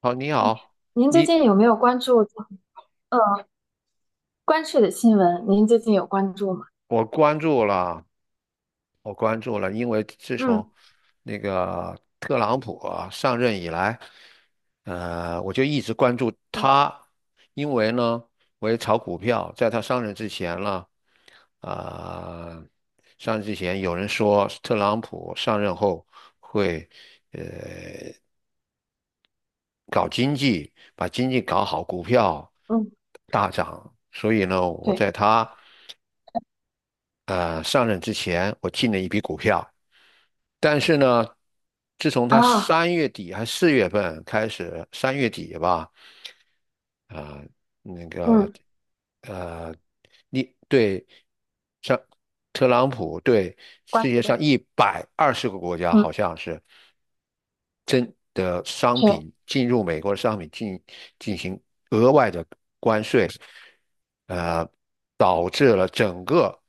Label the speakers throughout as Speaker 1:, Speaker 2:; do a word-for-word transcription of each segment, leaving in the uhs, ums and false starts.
Speaker 1: 好，你
Speaker 2: 哎，
Speaker 1: 好。
Speaker 2: 您最
Speaker 1: 你
Speaker 2: 近有没有关注呃关税的新闻？您最近有关注吗？
Speaker 1: 我关注了，我关注了，因为自从
Speaker 2: 嗯，
Speaker 1: 那个特朗普啊上任以来，呃，我就一直关注
Speaker 2: 对，
Speaker 1: 他。因为呢，我也炒股票。在他上任之前呢，啊、上任之前有人说特朗普上任后会呃搞经济，把经济搞好，股票
Speaker 2: 嗯，
Speaker 1: 大涨，所以呢，我
Speaker 2: 对
Speaker 1: 在他。呃上任之前，我进了一笔股票。但是呢，自从他
Speaker 2: 啊，
Speaker 1: 三月底还四月份开始，三月底吧，啊、那个
Speaker 2: 嗯，
Speaker 1: 呃，你对上特朗普对
Speaker 2: 关
Speaker 1: 世界
Speaker 2: 税
Speaker 1: 上
Speaker 2: 的，
Speaker 1: 一百二十个国家好
Speaker 2: 嗯，
Speaker 1: 像是，身的商
Speaker 2: 是，
Speaker 1: 品进入美国的商品进进行额外的关税，呃，导致了整个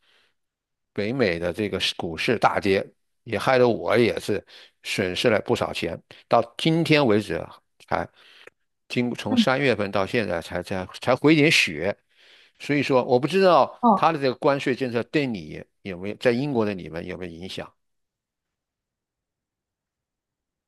Speaker 1: 北美的这个股市大跌，也害得我也是损失了不少钱。到今天为止才经从
Speaker 2: 嗯，
Speaker 1: 三月份到现在才才才回点血。所以说我不知道他的
Speaker 2: 哦。
Speaker 1: 这个关税政策对你有没有在英国的你们有没有影响？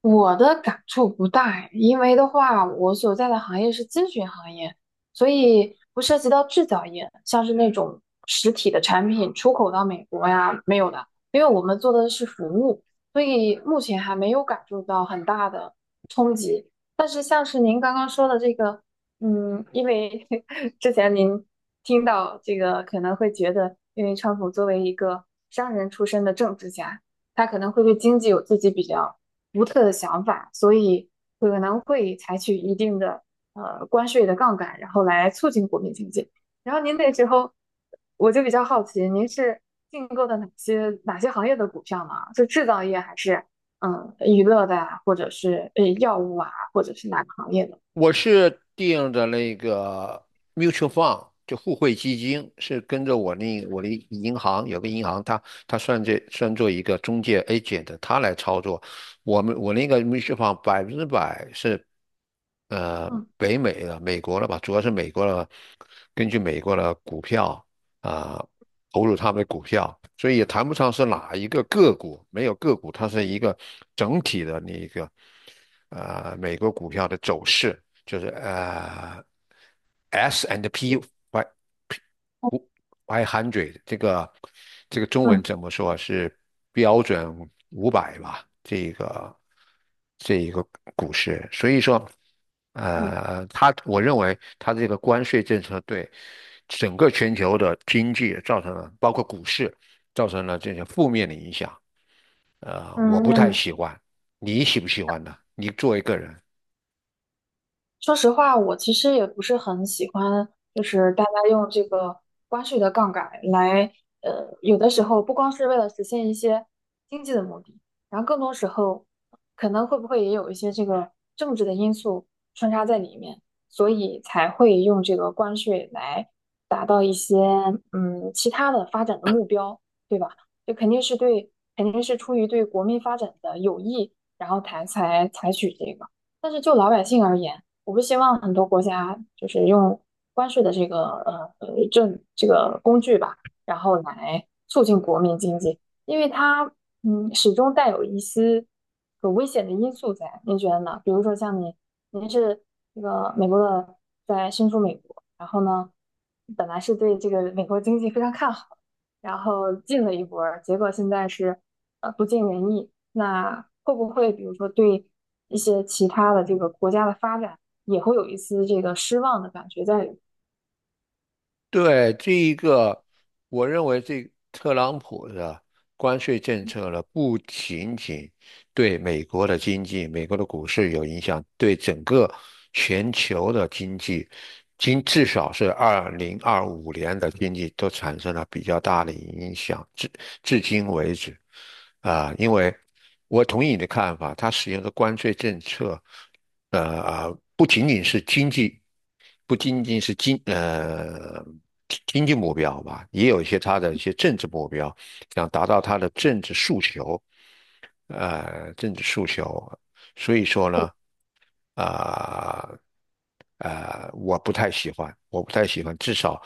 Speaker 2: 我的感触不大哎，因为的话，我所在的行业是咨询行业，所以不涉及到制造业，像是那种实体的产品出口到美国呀，没有的，因为我们做的是服务，所以目前还没有感受到很大的冲击。但是像是您刚刚说的这个，嗯，因为 之前您听到这个可能会觉得，因为川普作为一个商人出身的政治家，他可能会对经济有自己比较独特的想法，所以可能会采取一定的呃关税的杠杆，然后来促进国民经济。然后您那时候，我就比较好奇，您是竞购的哪些哪些行业的股票呢？是制造业还是嗯娱乐的啊，或者是呃药物啊，或者是哪个行业的？
Speaker 1: 我是定的那个 mutual fund，就互惠基金，是跟着我那我的银行有个银行，它它算这算作一个中介 agent，它来操作。我们我那个 mutual fund 百分之百是呃
Speaker 2: 嗯
Speaker 1: 北美的美国的吧，主要是美国的，根据美国的股票啊，投入他们的股票。所以也谈不上是哪一个个股，没有个股，它是一个整体的那一个呃美国股票的走势，就是呃 S and P Y
Speaker 2: 嗯
Speaker 1: i 零嘴，这个这个中文
Speaker 2: 嗯
Speaker 1: 怎么说，是标准五百吧？这个这一个股市。所以说，
Speaker 2: 嗯
Speaker 1: 呃，他我认为他这个关税政策对整个全球的经济造成了，包括股市，造成了这些负面的影响。呃，我不
Speaker 2: 嗯
Speaker 1: 太
Speaker 2: 嗯。
Speaker 1: 喜欢，你喜不喜欢呢？你作为个人，
Speaker 2: 说实话，我其实也不是很喜欢，就是大家用这个关税的杠杆来，呃，有的时候不光是为了实现一些经济的目的，然后更多时候可能会不会也有一些这个政治的因素穿插在里面，所以才会用这个关税来达到一些嗯其他的发展的目标，对吧？就肯定是对，肯定是出于对国民发展的有益，然后才才采取这个。但是就老百姓而言，我不希望很多国家就是用关税的这个呃呃这这个工具吧，然后来促进国民经济，因为它嗯始终带有一丝有危险的因素在。您觉得呢？比如说像你，您是这个美国的，在身处美国，然后呢，本来是对这个美国经济非常看好，然后进了一波儿，结果现在是呃不尽人意，那会不会比如说对？一些其他的这个国家的发展也会有一丝这个失望的感觉在里。
Speaker 1: 对这一个，我认为这特朗普的关税政策呢，不仅仅对美国的经济、美国的股市有影响，对整个全球的经济，今至少是二零二五年的经济，都产生了比较大的影响。至至今为止，啊、因为我同意你的看法，它使用的关税政策，呃，啊不仅仅是经济，不仅仅是经呃。经济目标吧，也有一些它的一些政治目标，想达到它的政治诉求，呃政治诉求，所以说呢，啊、呃，呃我不太喜欢，我不太喜欢，至少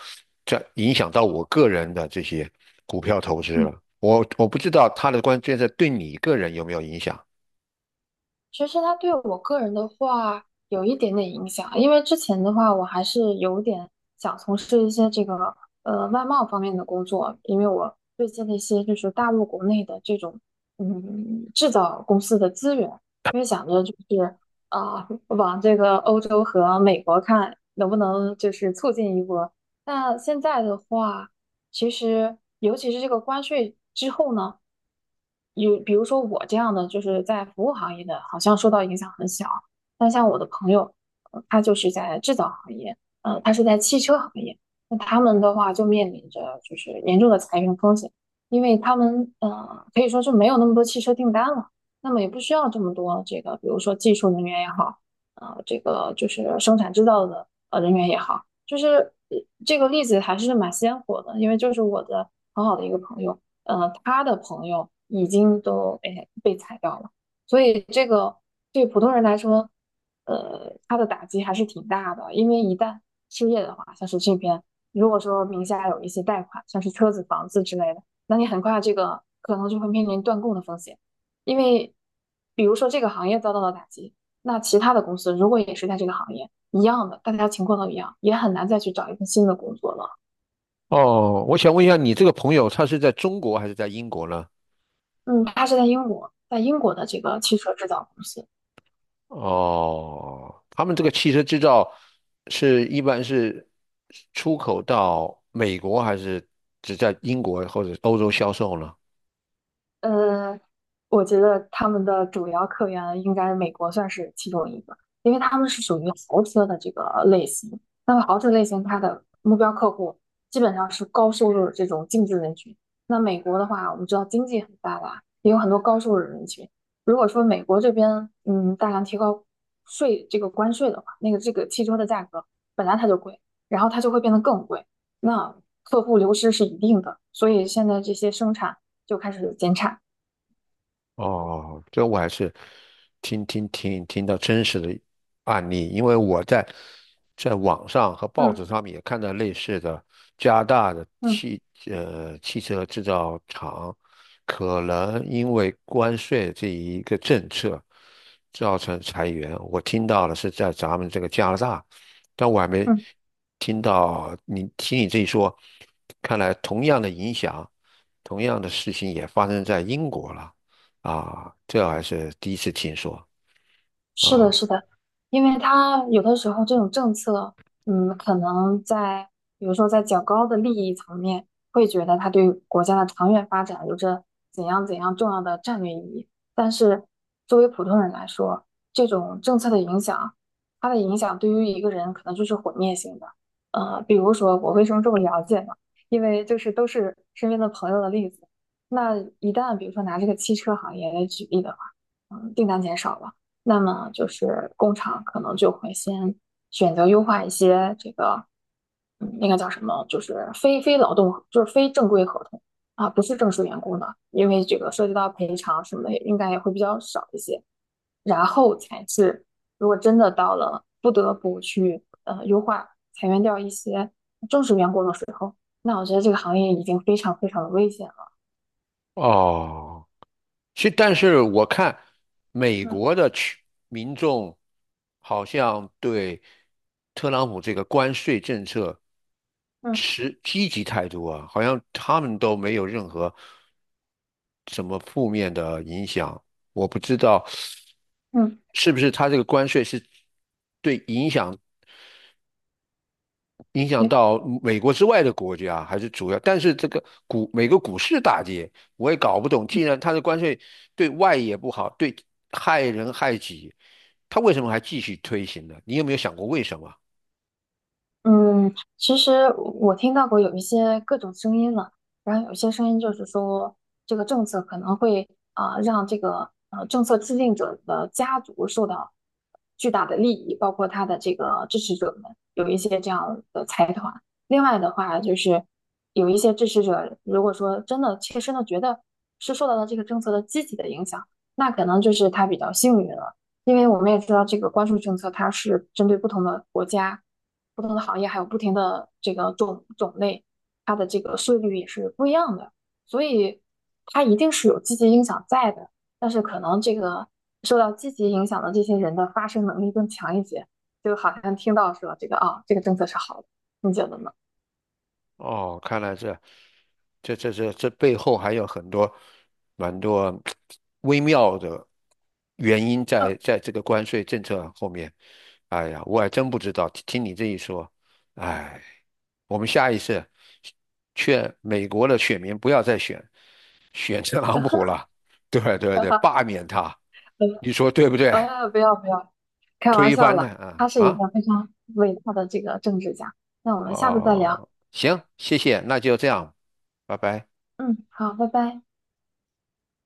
Speaker 1: 这影响到我个人的这些股票投资了。
Speaker 2: 嗯
Speaker 1: 我我不知道他的关键在对你个人有没有影响。
Speaker 2: 其实它对我个人的话有一点点影响，因为之前的话我还是有点想从事一些这个呃外贸方面的工作，因为我对接的一些就是大陆国内的这种嗯制造公司的资源，因为想着就是啊、往这个欧洲和美国看能不能就是促进一波。那现在的话，其实尤其是这个关税之后呢，有比如说我这样的，就是在服务行业的，好像受到影响很小。那像我的朋友，呃他就是在制造行业，呃，他是在汽车行业，那他们的话就面临着就是严重的裁员风险，因为他们呃可以说是没有那么多汽车订单了，那么也不需要这么多这个，比如说技术人员也好，呃，这个就是生产制造的呃人员也好。就是呃这个例子还是蛮鲜活的，因为就是我的很好的一个朋友，呃，他的朋友已经都哎被裁掉了，所以这个对普通人来说，呃，他的打击还是挺大的，因为一旦失业的话，像是这边如果说名下有一些贷款，像是车子、房子之类的，那你很快这个可能就会面临断供的风险，因为比如说这个行业遭到了打击，那其他的公司如果也是在这个行业，一样的，大家情况都一样，也很难再去找一份新的工作了。
Speaker 1: 哦，我想问一下，你这个朋友他是在中国还是在英国呢？
Speaker 2: 嗯，他是在英国，在英国的这个汽车制造公司，
Speaker 1: 哦，他们这个汽车制造是一般是出口到美国，还是只在英国或者欧洲销售呢？
Speaker 2: 呃，我觉得他们的主要客源应该美国算是其中一个，因为他们是属于豪车的这个类型。那么豪车类型，它的目标客户基本上是高收入的这种精致人群。那美国的话，我们知道经济很发达，也有很多高收入人群。如果说美国这边嗯大量提高税这个关税的话，那个这个汽车的价格本来它就贵，然后它就会变得更贵，那客户流失是一定的。所以现在这些生产，就开始减产。
Speaker 1: 哦，这我还是听听听听到真实的案例，因为我在在网上和报纸
Speaker 2: 嗯
Speaker 1: 上面也看到类似的，加拿大的
Speaker 2: 嗯
Speaker 1: 汽呃汽车制造厂可能因为关税这一个政策造成裁员。我听到的是在咱们这个加拿大，但我还没
Speaker 2: 嗯。
Speaker 1: 听到，你听你这一说，看来同样的影响，同样的事情也发生在英国了。啊，这还是第一次听说
Speaker 2: 是的，
Speaker 1: 啊。
Speaker 2: 是的，因为它有的时候这种政策，嗯，可能在比如说在较高的利益层面，会觉得它对国家的长远发展有着怎样怎样重要的战略意义。但是作为普通人来说，这种政策的影响，它的影响对于一个人可能就是毁灭性的。呃，比如说我为什么这么了解呢？因为就是都是身边的朋友的例子。那一旦比如说拿这个汽车行业来举例的话，嗯，订单减少了。那么就是工厂可能就会先选择优化一些这个，嗯，那个叫什么，就是非非劳动，就是非正规合同啊，不是正式员工的，因为这个涉及到赔偿什么的，应该也会比较少一些。然后才是，如果真的到了不得不去呃优化裁员掉一些正式员工的时候，那我觉得这个行业已经非常非常的危险了。
Speaker 1: 哦，是。但是我看美
Speaker 2: 嗯
Speaker 1: 国的群民众好像对特朗普这个关税政策
Speaker 2: 嗯
Speaker 1: 持积极态度啊，好像他们都没有任何什么负面的影响。我不知道
Speaker 2: 嗯，
Speaker 1: 是不是他这个关税是对影响影响
Speaker 2: 对。
Speaker 1: 到美国之外的国家还是主要，但是这个股美国股市大跌，我也搞不懂。既然它的关税对外也不好，对，害人害己，它为什么还继续推行呢？你有没有想过为什么？
Speaker 2: 嗯，其实我听到过有一些各种声音了，然后有一些声音就是说，这个政策可能会啊、让这个呃政策制定者的家族受到巨大的利益，包括他的这个支持者们有一些这样的财团。另外的话，就是有一些支持者，如果说真的切身的觉得是受到了这个政策的积极的影响，那可能就是他比较幸运了，因为我们也知道这个关税政策它是针对不同的国家。不同的行业还有不停的这个种种类，它的这个税率也是不一样的，所以它一定是有积极影响在的，但是可能这个受到积极影响的这些人的发声能力更强一些，就好像听到说这个啊，这个政策是好的，你觉得呢？
Speaker 1: 哦，看来这这这这这背后还有很多蛮多微妙的原因在在这个关税政策后面。哎呀，我还真不知道，听听你这一说，哎，我们下一次劝美国的选民不要再选选特朗普 了，对对对，
Speaker 2: 呃
Speaker 1: 罢免他，你说对不对？
Speaker 2: 呃，不要不要，开玩
Speaker 1: 推
Speaker 2: 笑
Speaker 1: 翻他
Speaker 2: 了，他
Speaker 1: 啊
Speaker 2: 是一
Speaker 1: 啊。
Speaker 2: 个非常伟大的这个政治家，那我们下次再聊，
Speaker 1: 哦，行，谢谢，那就这样，拜拜。
Speaker 2: 嗯，好，拜拜。